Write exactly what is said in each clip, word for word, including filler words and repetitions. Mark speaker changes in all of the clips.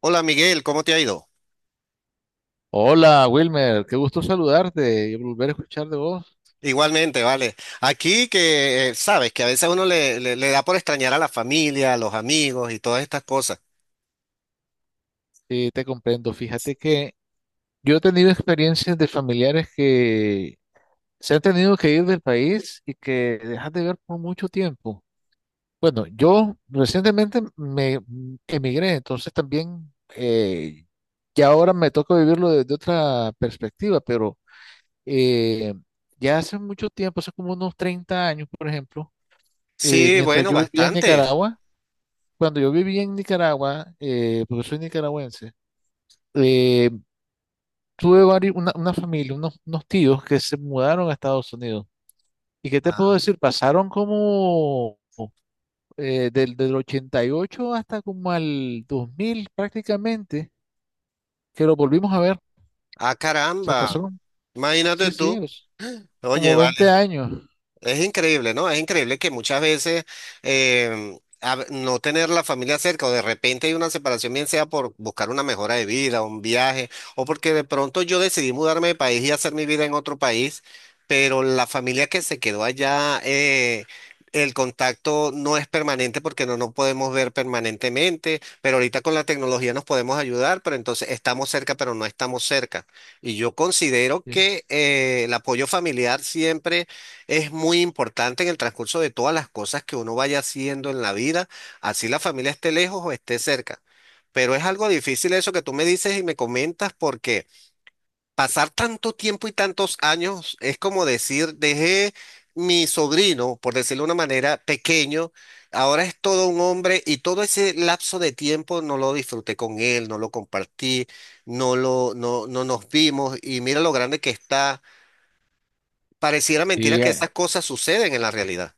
Speaker 1: Hola Miguel, ¿cómo te ha ido?
Speaker 2: Hola Wilmer, qué gusto saludarte y volver a escuchar de vos.
Speaker 1: Igualmente, vale. Aquí que eh, sabes que a veces uno le, le, le da por extrañar a la familia, a los amigos y todas estas cosas.
Speaker 2: Sí, te comprendo. Fíjate que yo he tenido experiencias de familiares que se han tenido que ir del país y que dejan de ver por mucho tiempo. Bueno, yo recientemente me emigré, entonces también eh, ya ahora me toca vivirlo desde otra perspectiva, pero eh, ya hace mucho tiempo, hace como unos treinta años, por ejemplo, eh,
Speaker 1: Sí,
Speaker 2: mientras
Speaker 1: bueno,
Speaker 2: yo vivía en
Speaker 1: bastante.
Speaker 2: Nicaragua, cuando yo viví en Nicaragua, eh, porque soy nicaragüense, eh, tuve vari- una, una familia, unos, unos tíos que se mudaron a Estados Unidos. ¿Y qué te
Speaker 1: Ah,
Speaker 2: puedo decir? Pasaron como eh, del, del ochenta y ocho hasta como al dos mil prácticamente, que lo volvimos a ver. O
Speaker 1: ah,
Speaker 2: sea,
Speaker 1: caramba.
Speaker 2: pasaron,
Speaker 1: Imagínate
Speaker 2: sí, sí,
Speaker 1: tú.
Speaker 2: los-
Speaker 1: Oye,
Speaker 2: como veinte
Speaker 1: vale.
Speaker 2: años.
Speaker 1: Es increíble, ¿no? Es increíble que muchas veces em, a ve- no tener la familia cerca o de repente hay una separación, bien sea por buscar una mejora de vida, un viaje, o porque de pronto yo decidí mudarme de país y hacer mi vida en otro país, pero la familia que se quedó allá, eh, el contacto no es permanente porque no nos podemos ver permanentemente, pero ahorita con la tecnología nos podemos ayudar, pero entonces estamos cerca, pero no estamos cerca. Y yo considero
Speaker 2: Sí,
Speaker 1: que eh, el apoyo familiar siempre es muy importante en el transcurso de todas las cosas que uno vaya haciendo en la vida, así la familia esté lejos o esté cerca. Pero es algo difícil eso que tú me dices y me comentas porque pasar tanto tiempo y tantos años es como decir, dejé mi sobrino, por decirlo de una manera, pequeño, ahora es todo un hombre y todo ese lapso de tiempo no lo disfruté con él, no lo compartí, no lo, no, no nos vimos y mira lo grande que está. Pareciera mentira
Speaker 2: Sí,
Speaker 1: que
Speaker 2: eh,
Speaker 1: esas cosas suceden en la realidad.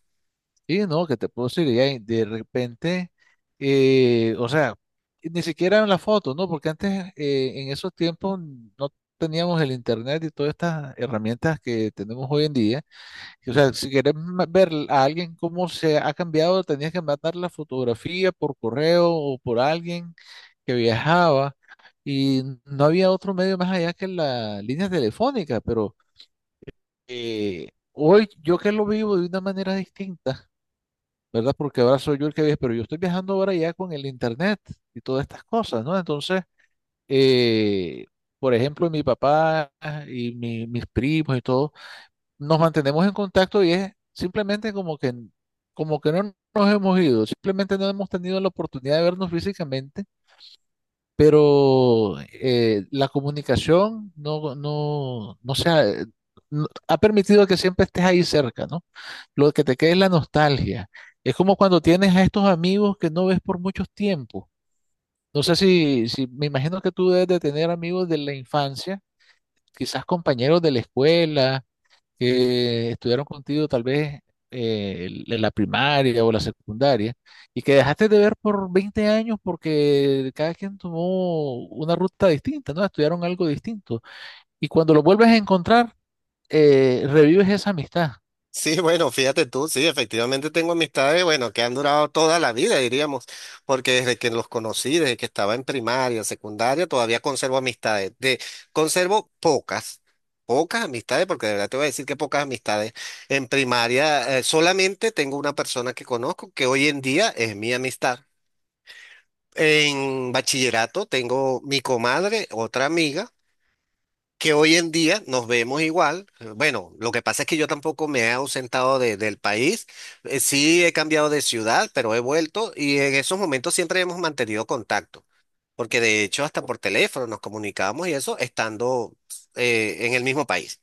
Speaker 2: Y no, que te puedo decir, y ahí de repente, eh, o sea, ni siquiera en la foto, ¿no? Porque antes, eh, en esos tiempos, no teníamos el internet y todas estas herramientas que tenemos hoy en día. Y, o sea, si querés ma- ver a alguien cómo se ha cambiado, tenías que mandar la fotografía por correo o por alguien que viajaba. Y no había otro medio más allá que la línea telefónica, pero eh, hoy yo que lo vivo de una manera distinta, ¿verdad? Porque ahora soy yo el que viaja, pero yo estoy viajando ahora ya con el internet y todas estas cosas, ¿no? Entonces, eh, por ejemplo, mi papá y mi- mis primos y todo, nos mantenemos en contacto y es simplemente como que, como que no nos hemos ido, simplemente no hemos tenido la oportunidad de vernos físicamente, pero eh, la comunicación no, no, no se ha, eh, no- ha permitido que siempre estés ahí cerca, ¿no? Lo que te queda es la nostalgia. Es como cuando tienes a estos amigos que no ves por muchos tiempos. No sé si, si me imagino que tú debes de tener amigos de la infancia, quizás compañeros de la escuela que estudiaron contigo tal vez eh, el- en la primaria o la secundaria y que dejaste de ver por veinte años porque cada quien tomó una ruta distinta, ¿no? Estudiaron algo distinto. Y cuando lo vuelves a encontrar, eh, revives esa amistad.
Speaker 1: Sí, bueno, fíjate tú, sí, efectivamente tengo amistades, bueno, que han durado toda la vida, diríamos, porque desde que los conocí, desde que estaba en primaria, secundaria, todavía conservo amistades. De, conservo pocas, pocas amistades, porque de verdad te voy a decir que pocas amistades. En primaria, eh, solamente tengo una persona que conozco, que hoy en día es mi amistad. En bachillerato tengo mi comadre, otra amiga que hoy en día nos vemos igual. Bueno, lo que pasa es que yo tampoco me he ausentado de- del país. Eh, sí he cambiado de ciudad, pero he vuelto y en esos momentos siempre hemos mantenido contacto, porque de hecho hasta por teléfono nos comunicábamos y eso estando eh, en el mismo país.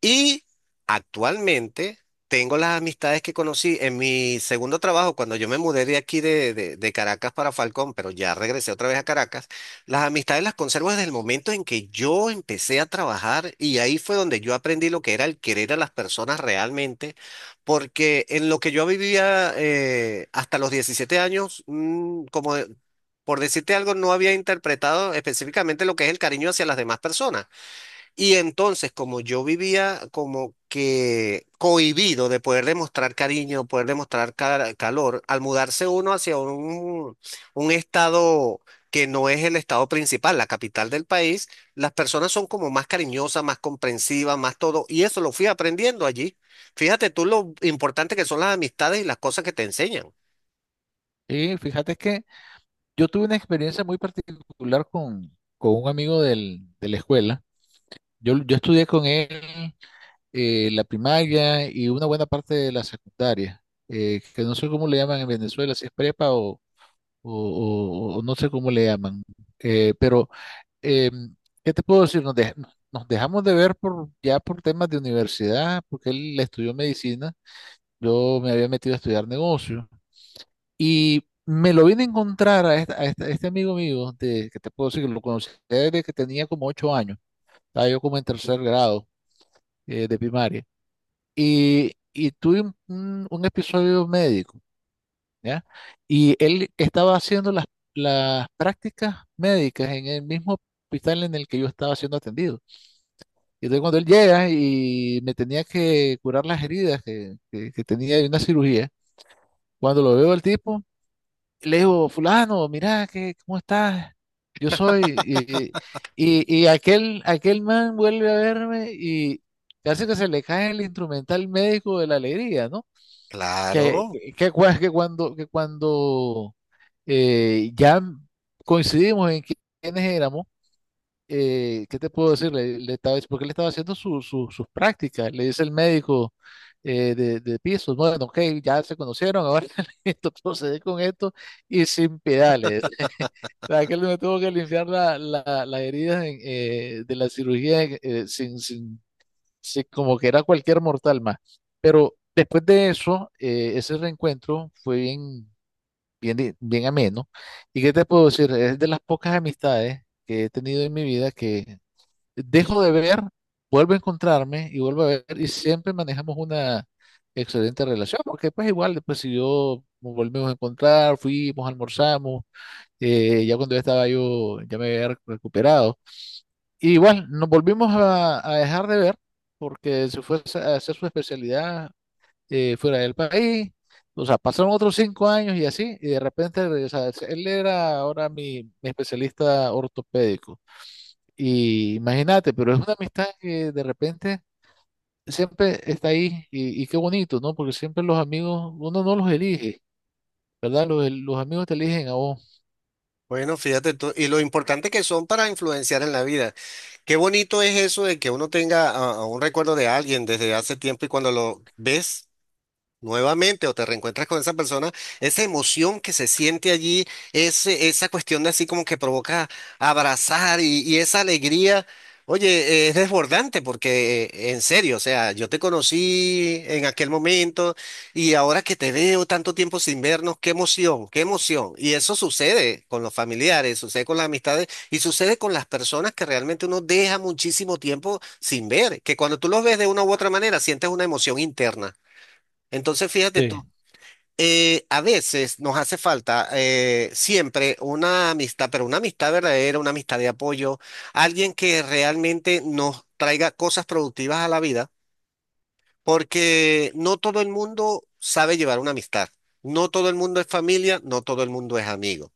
Speaker 1: Y actualmente tengo las amistades que conocí en mi segundo trabajo, cuando yo me mudé de aquí de, de- de Caracas para Falcón, pero ya regresé otra vez a Caracas, las amistades las conservo desde el momento en que yo empecé a trabajar y ahí fue donde yo aprendí lo que era el querer a las personas realmente, porque en lo que yo vivía eh, hasta los diecisiete años, mm, como... de- Por decirte algo, no había interpretado específicamente lo que es el cariño hacia las demás personas. Y entonces, como yo vivía como que cohibido de poder demostrar cariño, poder demostrar ca- calor, al mudarse uno hacia un, un estado que no es el estado principal, la capital del país, las personas son como más cariñosas, más comprensivas, más todo, y eso lo fui aprendiendo allí. Fíjate tú lo importante que son las amistades y las cosas que te enseñan.
Speaker 2: Y fíjate que yo tuve una experiencia muy particular con, con un amigo del- de la escuela. Yo, yo estudié con él eh, la primaria y una buena parte de la secundaria, eh, que no sé cómo le llaman en Venezuela, si es prepa o, o- o no sé cómo le llaman. Eh, pero, eh, ¿qué te puedo decir? Nos, dej- nos dejamos de ver por, ya por temas de universidad, porque él estudió medicina, yo me había metido a estudiar negocio y me lo vine a encontrar a, esta- a esta- a este amigo mío, de, que te puedo decir que lo conocí desde que tenía como ocho años, estaba yo como en tercer grado eh, de primaria, y, y tuve un un- un episodio médico. ¿Ya? Y él estaba haciendo las, las prácticas médicas en el mismo hospital en el que yo estaba siendo atendido. Y entonces cuando él llega y me tenía que curar las heridas que, que, que tenía de una cirugía, cuando lo veo al tipo, le digo, fulano, mira, que, ¿cómo estás? Yo soy. Y, y, y aquel, aquel man vuelve a verme y casi que se le cae el instrumental médico de la alegría, ¿no? Que,
Speaker 1: Claro.
Speaker 2: que, que cua- que cuando, que cuando eh, ya coincidimos en qui- quiénes éramos. Eh, ¿qué te puedo decir? Le, le estaba, porque él estaba haciendo su- su- sus prácticas. Le dice el médico eh, de, de pisos, bueno, ok, ya se conocieron, ahora listo, procede con esto y sin pedales. Que él me tuvo que limpiar la, la- las heridas en, eh, de la cirugía, eh, eh, sin, sin, sin- como que era cualquier mortal más. Pero después de eso, eh, ese reencuentro fue bien bien, di- bien ameno. ¿Y qué te puedo decir? Es de las pocas amistades que he tenido en mi vida que dejo de ver, vuelvo a encontrarme y vuelvo a ver y siempre manejamos una excelente relación, porque pues igual después si yo nos volvimos a encontrar, fuimos, almorzamos, eh, ya cuando ya estaba yo, ya me había rec- recuperado. Y igual nos volvimos a, a dejar de ver porque se fue a hacer su especialidad eh, fuera del país. O sea, pasaron otros cinco años y así, y de repente, o sea, él era ahora mi, mi especialista ortopédico. Y imagínate, pero es una amistad que de repente siempre está ahí y, y qué bonito, ¿no? Porque siempre los amigos, uno no los elige, ¿verdad? Los, los amigos te eligen a vos.
Speaker 1: Bueno, fíjate tú, y lo importante que son para influenciar en la vida. Qué bonito es eso de que uno tenga ah, ah, un recuerdo de alguien desde hace tiempo y cuando lo ves nuevamente o te reencuentras con esa persona, esa emoción que se siente allí, es, esa cuestión de así como que provoca abrazar y, y esa alegría, oye, es desbordante porque eh, en serio, o sea, yo te conocí en aquel momento y ahora que te veo tanto tiempo sin vernos, qué emoción, qué emoción. Y eso sucede con los familiares, sucede con las amistades y sucede con las personas que realmente uno deja muchísimo tiempo sin ver, que cuando tú los ves de una u otra manera sientes una emoción interna. Entonces, fíjate
Speaker 2: Sí,
Speaker 1: tú, eh, a veces nos hace falta eh, siempre una amistad, pero una amistad verdadera, una amistad de apoyo, alguien que realmente nos traiga cosas productivas a la vida, porque no todo el mundo sabe llevar una amistad, no todo el mundo es familia, no todo el mundo es amigo.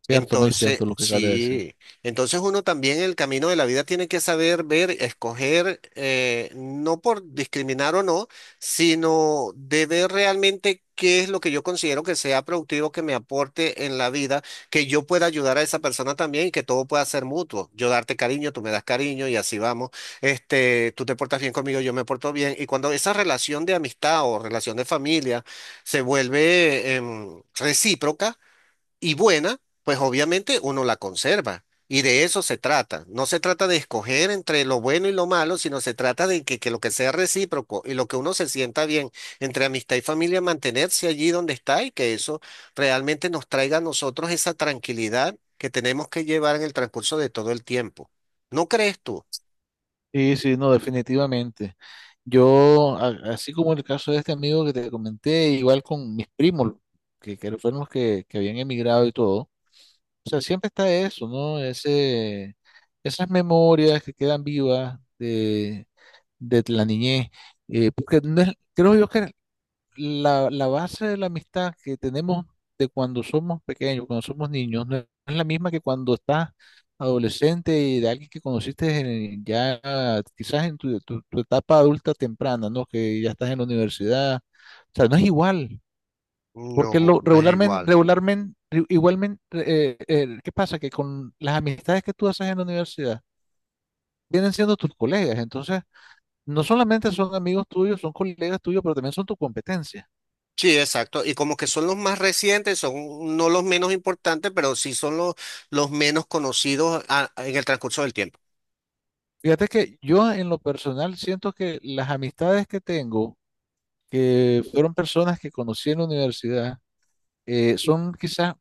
Speaker 2: cierto, muy
Speaker 1: Entonces,
Speaker 2: cierto lo que acabas de decir.
Speaker 1: sí, entonces uno también en el camino de la vida tiene que saber ver, escoger, eh, no por discriminar o no, sino de ver realmente qué es lo que yo considero que sea productivo, que me aporte en la vida, que yo pueda ayudar a esa persona también y que todo pueda ser mutuo. Yo darte cariño, tú me das cariño y así vamos. Este, tú te portas bien conmigo, yo me porto bien. Y cuando esa relación de amistad o relación de familia se vuelve, em, recíproca, y buena, pues obviamente uno la conserva. Y de eso se trata. No se trata de escoger entre lo bueno y lo malo, sino se trata de que, que lo que sea recíproco y lo que uno se sienta bien entre amistad y familia, mantenerse allí donde está y que eso realmente nos traiga a nosotros esa tranquilidad que tenemos que llevar en el transcurso de todo el tiempo. ¿No crees tú?
Speaker 2: Sí, sí, no, definitivamente. Yo, a- así como el caso de este amigo que te comenté, igual con mis primos, que, que fueron los que, que habían emigrado y todo. O sea, siempre está eso, ¿no? Ese, esas memorias que quedan vivas de, de la niñez. Eh, porque no es- creo yo que la, la base de la amistad que tenemos de cuando somos pequeños, cuando somos niños, no es la misma que cuando estás adolescente y de alguien que conociste en- ya quizás en tu, tu- tu etapa adulta temprana, ¿no? Que ya estás en la universidad. O sea, no es igual, porque
Speaker 1: No,
Speaker 2: lo,
Speaker 1: no es
Speaker 2: regularmente,
Speaker 1: igual.
Speaker 2: regularmente, igualmente, eh, eh, ¿qué pasa? Que con las amistades que tú haces en la universidad, vienen siendo tus colegas, entonces no solamente son amigos tuyos, son colegas tuyos, pero también son tu competencia.
Speaker 1: Sí, exacto. Y como que son los más recientes, son no los menos importantes, pero sí son los, los menos conocidos ah, en el transcurso del tiempo.
Speaker 2: Fíjate que yo en lo personal siento que las amistades que tengo, que fueron personas que conocí en la universidad, eh, son quizás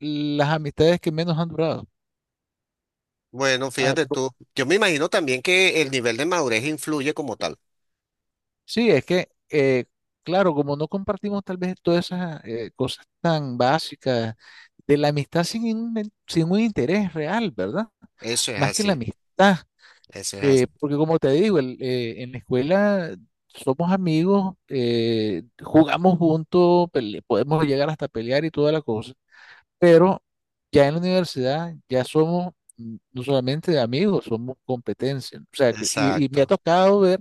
Speaker 2: las amistades que menos han durado.
Speaker 1: Bueno,
Speaker 2: Ah,
Speaker 1: fíjate
Speaker 2: po-
Speaker 1: tú, yo me imagino también que el nivel de madurez influye como tal.
Speaker 2: sí, es que, eh, claro, como no compartimos tal vez todas esas eh, cosas tan básicas de la amistad sin, un- sin un interés real, ¿verdad?
Speaker 1: Eso es
Speaker 2: Más que la
Speaker 1: así,
Speaker 2: amistad.
Speaker 1: eso es
Speaker 2: Eh,
Speaker 1: así.
Speaker 2: porque como te digo, el- eh, en la escuela somos amigos, eh, jugamos juntos, pele- podemos llegar hasta pelear y toda la cosa, pero ya en la universidad ya somos, mm, no solamente amigos, somos competencia. O sea, que- y, y me ha
Speaker 1: Exacto,
Speaker 2: tocado ver,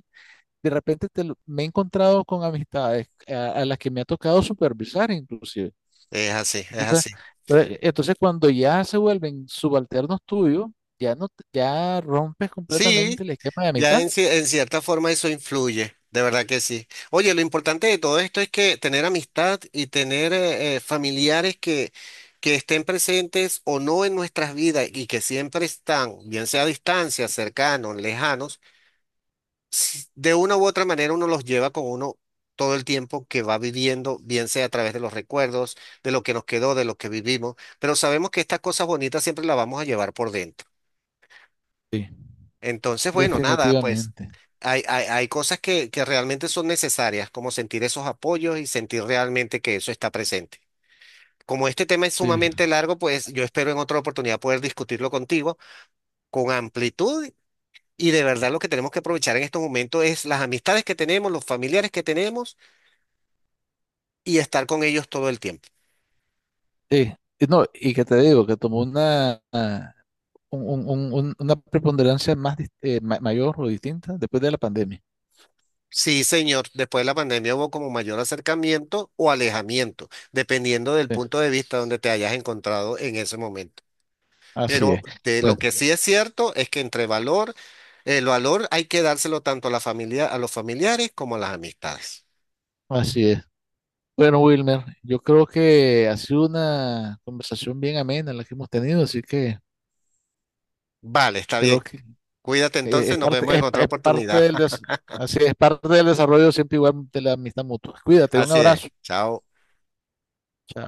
Speaker 2: de repente te lo- me he encontrado con amistades a, a las que me ha tocado supervisar inclusive.
Speaker 1: es así, es
Speaker 2: Entonces,
Speaker 1: así.
Speaker 2: eh, entonces cuando ya se vuelven subalternos tuyos, ya no, te- ya rompes
Speaker 1: Sí,
Speaker 2: completamente el esquema de
Speaker 1: ya
Speaker 2: amistad.
Speaker 1: en, ci- en cierta forma eso influye, de verdad que sí. Oye, lo importante de todo esto es que tener amistad y tener eh, eh, familiares que, que estén presentes o no en nuestras vidas y que siempre están, bien sea a distancia, cercanos, lejanos si- de una u otra manera uno los lleva con uno todo el tiempo que va viviendo, bien sea a través de los recuerdos, de lo que nos quedó, de lo que vivimos, pero sabemos que estas cosas bonitas siempre las vamos a llevar por dentro.
Speaker 2: Sí,
Speaker 1: Entonces, bueno, nada, pues
Speaker 2: definitivamente.
Speaker 1: hay, hay, hay cosas que, que realmente son necesarias, como sentir esos apoyos y sentir realmente que eso está presente. Como este tema es
Speaker 2: Sí,
Speaker 1: sumamente largo, pues yo espero en otra oportunidad poder discutirlo contigo con amplitud y de verdad lo que tenemos que aprovechar en estos momentos es las amistades que tenemos, los familiares que tenemos y estar con ellos todo el tiempo.
Speaker 2: sí. Y no, y que te digo, que tomó una, una- un- un- un- un- una preponderancia más dis- eh, ma- mayor o distinta después de la pandemia.
Speaker 1: Sí, señor, después de la pandemia hubo como mayor acercamiento o alejamiento, dependiendo del
Speaker 2: Sí,
Speaker 1: punto de vista donde te hayas encontrado en ese momento.
Speaker 2: así
Speaker 1: Pero
Speaker 2: es.
Speaker 1: de lo que
Speaker 2: Bueno,
Speaker 1: sí es cierto es que entre valor, el valor hay que dárselo tanto a la familia, a los familiares como a las amistades.
Speaker 2: así es. Bueno, Wilmer, yo creo que ha sido una conversación bien amena la que hemos tenido, así que
Speaker 1: Vale, está bien.
Speaker 2: creo que
Speaker 1: Cuídate
Speaker 2: eh, es
Speaker 1: entonces, nos vemos
Speaker 2: parte,
Speaker 1: en
Speaker 2: es, pa-
Speaker 1: otra
Speaker 2: es parte
Speaker 1: oportunidad.
Speaker 2: del des- así es, parte del desarrollo siempre igual de la amistad mutua. Cuídate, un
Speaker 1: Así es.
Speaker 2: abrazo.
Speaker 1: Chao.
Speaker 2: Chao.